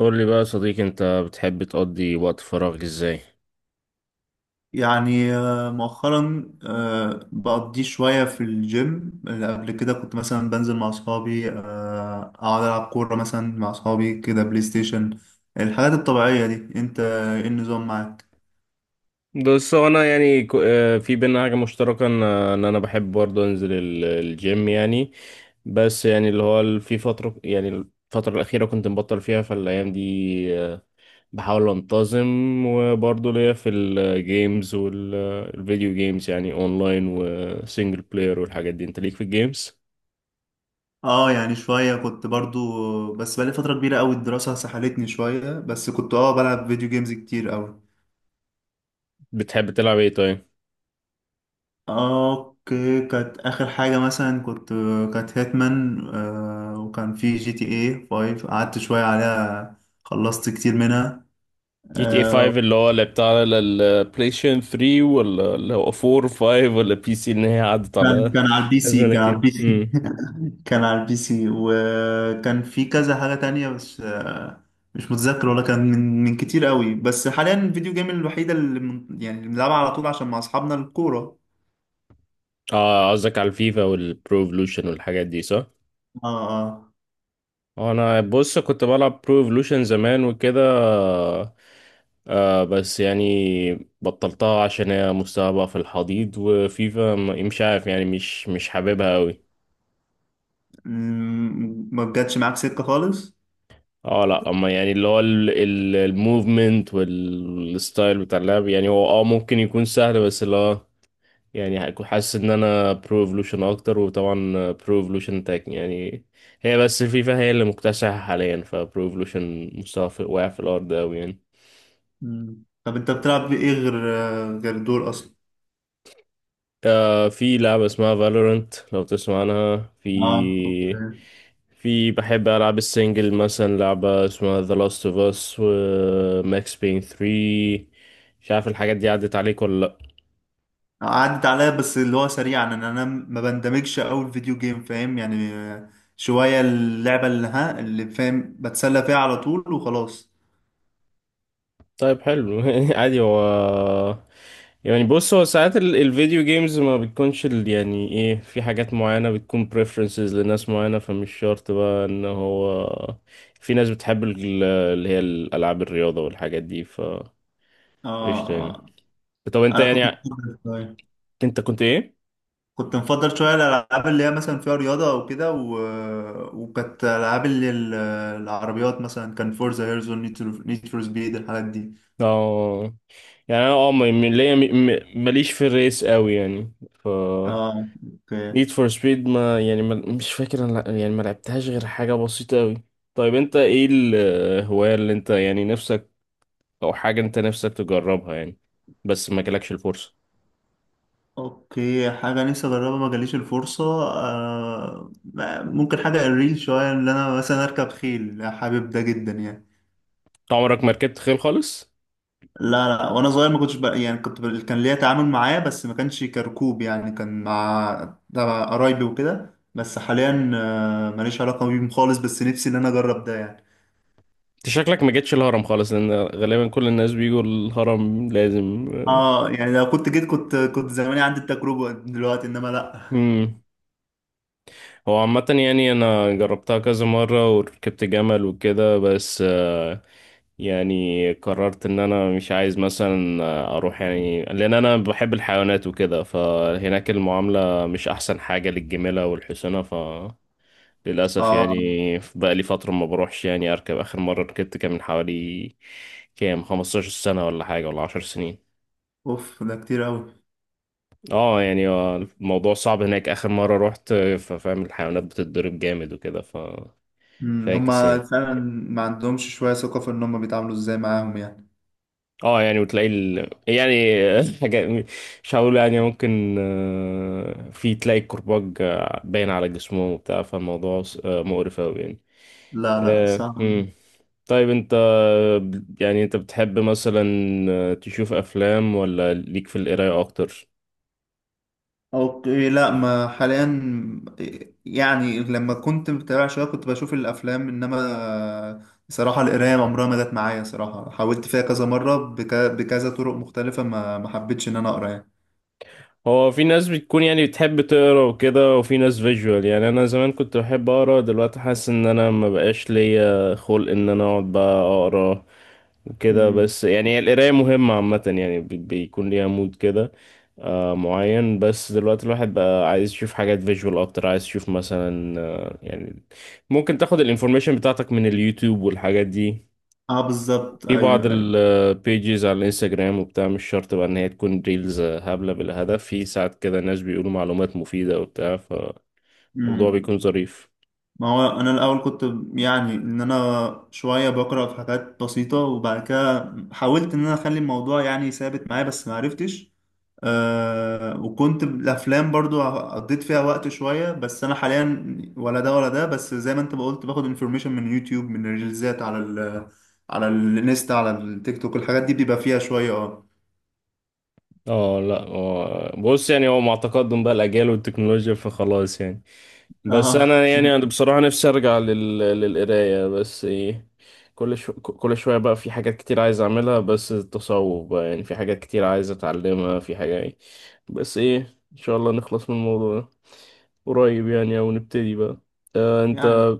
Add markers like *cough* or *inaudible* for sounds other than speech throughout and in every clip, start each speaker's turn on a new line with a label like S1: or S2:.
S1: قول لي بقى يا صديقي، انت بتحب تقضي وقت فراغك ازاي؟
S2: يعني مؤخرا، بقضي شوية في الجيم. اللي قبل كده كنت مثلا بنزل مع أصحابي، أقعد ألعب كورة مثلا مع أصحابي كده، بلاي ستيشن، الحاجات الطبيعية دي. أنت إيه النظام معاك؟
S1: بص، هو انا يعني في بينا حاجه مشتركه، ان انا بحب برضه انزل الجيم يعني. بس يعني اللي هو في فتره، يعني الفتره الاخيره كنت مبطل فيها فالايام دي. آه، بحاول انتظم، وبرضه ليا في الجيمز والفيديو جيمز، يعني اونلاين وسنجل بلاير والحاجات دي. انت ليك في الجيمز؟
S2: اه، يعني شوية كنت برضو، بس بقالي فترة كبيرة أوي، الدراسة سحلتني شوية، بس كنت بلعب فيديو جيمز كتير أوي.
S1: بتحب تلعب ايه طيب؟
S2: اوكي، كانت اخر حاجة مثلا، كانت هيتمان، وكان في جي تي اي 5، قعدت شوية عليها، خلصت كتير منها.
S1: جي تي اي 5
S2: آه
S1: اللي هو لعبتها على البلاي ستيشن 3، ولا اللي هو 4، 5؟ ولا بي سي؟ ان هي عدت
S2: كان
S1: على ازمنه
S2: على
S1: كتير.
S2: البي سي
S1: امم.
S2: *laughs* كان على البي سي، وكان في كذا حاجة تانية، بس. مش متذكر، ولا كان من كتير قوي. بس حاليا الفيديو جيم الوحيدة اللي من يعني اللي بنلعبها على طول عشان مع اصحابنا الكورة.
S1: اه، قصدك على الفيفا والبرو ايفولوشن والحاجات دي، صح؟
S2: اه اه،
S1: انا بص كنت بلعب برو ايفولوشن زمان وكده. بس يعني بطلتها عشان هي مستواها بقى في الحضيض. وفيفا مش عارف، يعني مش حاببها قوي.
S2: ما جاتش معاك سكة خالص.
S1: اه، لا، اما يعني اللي هو الموفمنت والستايل بتاع اللعب، يعني هو ممكن يكون سهل، بس اللي هو يعني هكون حاسس ان انا برو ايفولوشن اكتر. وطبعا برو ايفولوشن تاك يعني، هي بس الفيفا هي اللي مكتسحة حاليا، فبرو ايفولوشن مستوى واقع في الارض اوي يعني.
S2: مم. طب انت بتلعب بايه غير غير دول اصلا؟
S1: في لعبة اسمها فالورنت، لو تسمع عنها. في
S2: اه اوكي،
S1: في بحب ألعاب السنجل، مثلا لعبة اسمها The Last of Us و Max Payne 3. مش عارف الحاجات دي عدت عليك ولا لأ؟
S2: عدت عليا بس اللي هو سريعا ان انا ما بندمجش قوي الفيديو جيم، فاهم يعني. شويه اللعبه اللي فاهم بتسلى فيها على طول وخلاص.
S1: طيب، حلو. *laughs* عادي. هو يعني بص، هو ساعات الفيديو جيمز ما بتكونش يعني ايه، في حاجات معينة بتكون preferences لناس معينة، فمش شرط بقى ان هو في ناس بتحب اللي هي الألعاب الرياضة والحاجات دي، ف
S2: اه
S1: قشطة يعني.
S2: آه.
S1: طب انت
S2: انا
S1: يعني، انت كنت ايه؟
S2: كنت مفضل شويه الالعاب اللي هي مثلا فيها رياضه او كده، وكانت العاب العربيات، مثلا كان فورزا هيرزون، نيد فور سبيد، الحاجات دي.
S1: اه، يعني انا ليا ماليش في الريس قوي يعني، ف
S2: اه اوكي.
S1: نيد فور سبيد ما يعني ما مش فاكر انا، يعني ما لعبتهاش غير حاجة بسيطة قوي. طيب، انت ايه الهواية اللي انت يعني نفسك، او حاجة انت نفسك تجربها يعني، بس ما جالكش الفرصة؟
S2: اوكي، حاجة نفسي اجربها ما جاليش الفرصة، آه ممكن حاجة الريل شوية، ان انا مثلا اركب خيل، حابب ده جدا يعني.
S1: انت عمرك ما ركبت خيل خالص؟
S2: لا لا، وانا صغير ما كنتش، بقى يعني كان ليا تعامل معاه، بس ما كانش كركوب، يعني كان مع تبع قرايبي وكده، بس حاليا ماليش علاقة بيهم خالص، بس نفسي ان انا اجرب ده يعني.
S1: انت شكلك ما جيتش الهرم خالص، لان غالبا كل الناس بيجوا الهرم لازم.
S2: اه يعني، لو كنت جيت، كنت زماني عندي التجربة دلوقتي، انما لا.
S1: امم. هو عامة، يعني أنا جربتها كذا مرة وركبت جمل وكده، بس يعني قررت إن أنا مش عايز مثلا أروح، يعني لأن أنا بحب الحيوانات وكده، فهناك المعاملة مش أحسن حاجة للجميلة والحسنة، فللأسف يعني.
S2: اه،
S1: بقى لي فترة ما بروحش يعني. أركب، آخر مرة ركبت، كان من حوالي كام 15 سنة ولا حاجة، ولا 10 سنين.
S2: اوف ده كتير اوي.
S1: اه يعني. الموضوع صعب هناك آخر مرة روحت، ففاهم الحيوانات بتتضرب جامد وكده، ف
S2: مم،
S1: فاكس
S2: هما
S1: يعني.
S2: فعلا ما عندهمش شوية ثقة في إن هما بيتعاملوا إزاي معاهم يعني.
S1: اه يعني، وتلاقي يعني *laughs* حاجة، مش هقول يعني، ممكن في تلاقي الكرباج باين على جسمه وبتاع، فالموضوع مقرف أوي يعني.
S2: لا لا، صح.
S1: مم. طيب انت، يعني انت بتحب مثلا تشوف أفلام، ولا ليك في القراية أكتر؟
S2: أوكي، لا ما حاليا، يعني لما كنت متابع شوية كنت بشوف الأفلام، إنما صراحة القراية عمرها ما جت معايا. صراحة حاولت فيها كذا مرة، بكذا طرق مختلفة، ما ما حبيتش إن أنا أقرأ يعني.
S1: هو في ناس بتكون يعني بتحب تقرا وكده، وفي ناس فيجوال. يعني انا زمان كنت بحب اقرا، دلوقتي حاسس ان انا ما بقاش ليا خلق ان انا اقعد بقى اقرا وكده.
S2: مم.
S1: بس يعني القرايه مهمه عامه يعني، بيكون ليها مود كده معين. بس دلوقتي الواحد بقى عايز يشوف حاجات فيجوال اكتر، عايز يشوف مثلا يعني، ممكن تاخد الانفورميشن بتاعتك من اليوتيوب والحاجات دي،
S2: اه بالظبط،
S1: في بعض
S2: ايوه ايوه.
S1: البيجز على الانستجرام وبتاع. مش شرط بقى ان هي تكون ريلز هبلة بالهدف، في ساعات كده ناس بيقولوا معلومات مفيدة وبتاع، فالموضوع
S2: مم.
S1: بيكون ظريف.
S2: ما هو انا الاول كنت، يعني ان انا شويه بقرا في حاجات بسيطه، وبعد كده حاولت ان انا اخلي الموضوع يعني ثابت معايا بس ما عرفتش. وكنت الافلام برضو قضيت فيها وقت شويه، بس انا حاليا ولا ده ولا ده. بس زي ما انت ما قلت، باخد انفورميشن من يوتيوب، من ريلزات على الانستا، على التيك توك، الحاجات دي بيبقى فيها شويه. اه
S1: اه، لا، هو بص يعني، هو مع تقدم بقى الاجيال والتكنولوجيا فخلاص يعني. بس
S2: اه
S1: انا يعني، انا بصراحه نفسي ارجع للقرايه، بس ايه، كل شويه بقى في حاجات كتير عايز اعملها. بس التصوف بقى يعني، في حاجات كتير عايز اتعلمها في حاجه يعني. بس ايه، ان شاء الله نخلص من الموضوع ده قريب يعني، او نبتدي بقى. آه انت
S2: *laughs*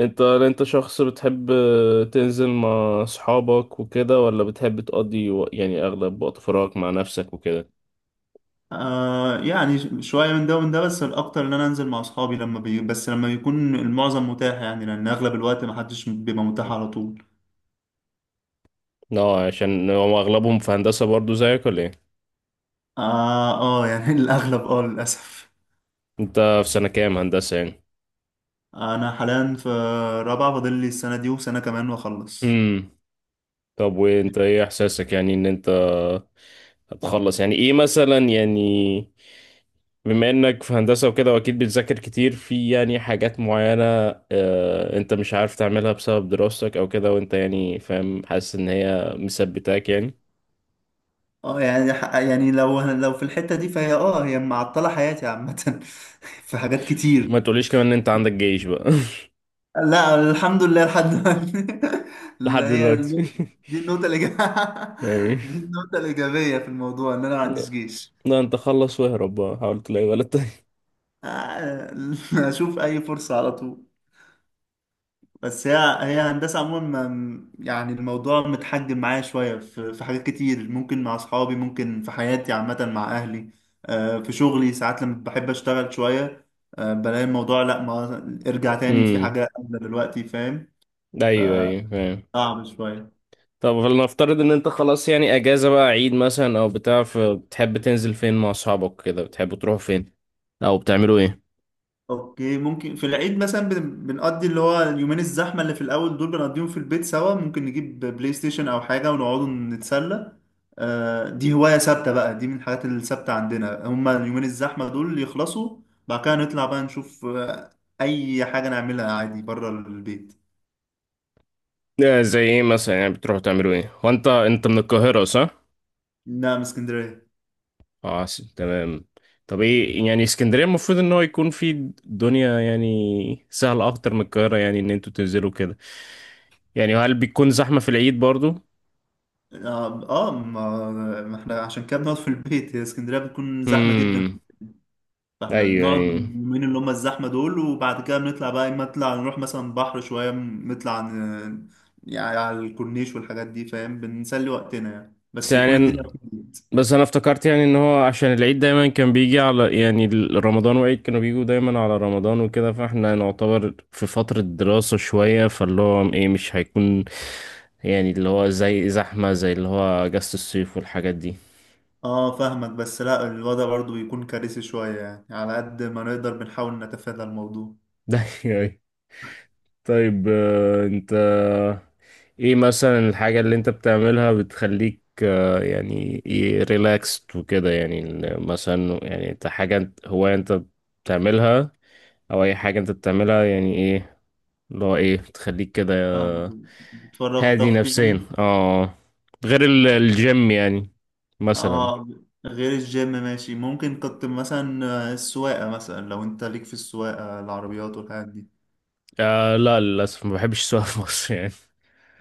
S1: انت شخص بتحب تنزل مع اصحابك وكده، ولا بتحب تقضي يعني اغلب وقت فراغك مع نفسك وكده؟
S2: يعني شوية من ده ومن ده، بس الأكتر إن أنا أنزل مع أصحابي لما بس لما بيكون المعظم متاح يعني، لأن أغلب الوقت محدش بيبقى متاح على طول.
S1: اه، عشان هو اغلبهم في هندسة برضو زيك، ولا ايه؟
S2: يعني *laughs* الأغلب، للأسف.
S1: انت في سنة كام هندسة يعني؟
S2: أنا حاليا في رابعة، فاضل لي السنة دي وسنة كمان وأخلص.
S1: امم. طب، وانت ايه احساسك يعني ان انت هتخلص، يعني ايه مثلا يعني، بما انك في هندسة وكده واكيد بتذاكر كتير في يعني حاجات معينة، انت مش عارف تعملها بسبب دراستك او كده، وانت يعني فاهم حاسس ان هي مثبتاك يعني؟
S2: يعني، يعني لو في الحتة دي فهي، هي معطلة حياتي عامة *laughs* في حاجات
S1: ما
S2: كتير.
S1: تقوليش كمان ان انت عندك جيش بقى.
S2: لا، الحمد لله لحد دلوقتي *laughs*
S1: *laughs*
S2: اللي
S1: لحد
S2: هي
S1: دلوقتي.
S2: النقطة،
S1: *laughs*
S2: دي النقطة الإيجابية *laughs*
S1: يعني،
S2: دي النقطة الإيجابية في الموضوع إن أنا ما عنديش
S1: لا.
S2: جيش.
S1: لا، انت خلص واهرب بقى، حاول تلاقي ولد
S2: آه، *laughs* أشوف أي فرصة على طول. بس هي هي هندسة عموما، يعني الموضوع متحجم معايا شوية، في في حاجات كتير ممكن مع أصحابي، ممكن في حياتي عامة مع أهلي. في شغلي ساعات لما بحب أشتغل شوية، بلاقي الموضوع لا، ما ارجع تاني في
S1: تاني.
S2: حاجة أولى دلوقتي، فاهم.
S1: ايوه ايوه فاهم.
S2: فصعب شوية.
S1: طب، فلنفترض ان انت خلاص يعني اجازه بقى، عيد مثلا او بتاع، فبتحب تنزل فين مع اصحابك كده؟ بتحبوا تروحوا فين، او بتعملوا ايه؟
S2: اوكي، ممكن في العيد مثلا بنقضي اللي هو اليومين الزحمة اللي في الأول دول، بنقضيهم في البيت سوا، ممكن نجيب بلاي ستيشن أو حاجة ونقعدوا نتسلى. دي هواية ثابتة بقى، دي من الحاجات الثابتة عندنا، هما اليومين الزحمة دول يخلصوا، بعد كده نطلع بقى نشوف أي حاجة نعملها عادي بره البيت.
S1: زي ايه مثلا يعني، بتروحوا تعملوا ايه؟ هو انت من القاهره، صح؟
S2: لا، من اسكندرية.
S1: اه، تمام. طب ايه يعني، اسكندريه المفروض ان هو يكون في دنيا يعني سهله اكتر من القاهره، يعني ان انتوا تنزلوا كده. يعني هل بيكون زحمه في العيد برضو؟
S2: اه، ما ما احنا عشان كده بنقعد في البيت، هي اسكندرية بتكون زحمة جدا.
S1: امم.
S2: فاحنا
S1: ايوه
S2: بنقعد
S1: ايوه.
S2: اليومين اللي هم الزحمة دول، وبعد كده بنطلع بقى، اما نطلع نروح مثلا بحر شوية، يعني على الكورنيش والحاجات دي، فاهم، بنسلي وقتنا يعني،
S1: بس
S2: بس يكون
S1: يعني
S2: الدنيا فضيت.
S1: بس انا افتكرت يعني ان هو عشان العيد دايما كان بيجي على يعني رمضان، وعيد كانوا بيجوا دايما على رمضان وكده، فاحنا نعتبر في فترة دراسة شوية، فاللي هو ايه مش هيكون يعني اللي هو زي زحمة، زي اللي هو اجازة الصيف والحاجات دي.
S2: اه فاهمك، بس لا الوضع برضو بيكون كارثي شوية يعني، على قد ما نقدر بنحاول نتفادى الموضوع.
S1: *laughs* ده يعني. طيب، انت ايه مثلا الحاجة اللي انت بتعملها بتخليك، يعني ايه، ريلاكست وكده، يعني مثلا، يعني انت حاجة هواية انت بتعملها، او اي حاجة انت بتعملها يعني إيه؟ اللي هو ايه تخليك كده
S2: فاهمك، بتفرغ
S1: هادي
S2: طاقتي
S1: نفسيا،
S2: يعني.
S1: اه، غير الجيم يعني، مثلا.
S2: اه، غير الجيم، ماشي ممكن كنت مثلا السواقة، مثلا لو انت ليك في السواقة، العربيات والحاجات دي.
S1: لا، للأسف ما بحبش السواقة في مصر يعني.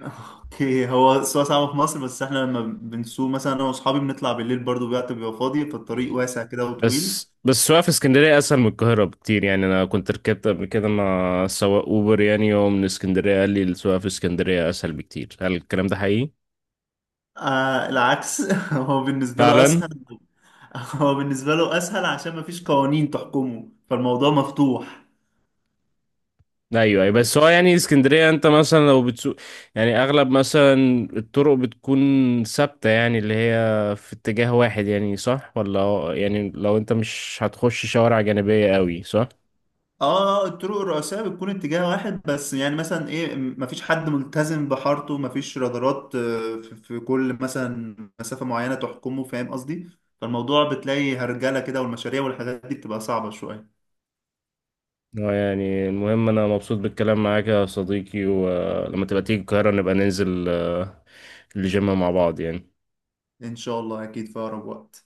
S2: اوكي، هو السواقة صعبة في مصر، بس احنا لما بنسوق مثلا انا واصحابي، بنطلع بالليل برضو، الوقت بيبقى فاضي، فالطريق واسع كده وطويل.
S1: بس السواقة في اسكندرية أسهل من القاهرة بكتير يعني. أنا كنت ركبت قبل كده مع سواق أوبر، يعني هو من اسكندرية، قال لي السواقة في اسكندرية أسهل بكتير. هل الكلام ده حقيقي؟
S2: العكس *laughs* هو بالنسبة له
S1: فعلا.
S2: اسهل. هو بالنسبة له اسهل عشان مفيش قوانين تحكمه، فالموضوع مفتوح.
S1: ايوه ايوه، بس هو يعني اسكندريه انت مثلا لو بتسوق، يعني اغلب مثلا الطرق بتكون ثابته، يعني اللي هي في اتجاه واحد، يعني صح؟ ولا يعني لو انت مش هتخش شوارع جانبيه قوي، صح؟
S2: اه، الطرق الرئيسية بتكون اتجاه واحد، بس يعني مثلا ايه، مفيش حد ملتزم بحارته، مفيش رادارات في في كل مثلا مسافة معينة تحكمه، فاهم قصدي. فالموضوع بتلاقي هرجلة كده، والمشاريع والحاجات دي بتبقى صعبة شوية.
S1: هو يعني المهم انا مبسوط بالكلام معاك يا صديقي، ولما تبقى تيجي القاهره نبقى ننزل الجيم مع بعض يعني.
S2: إن شاء الله أكيد في أقرب وقت.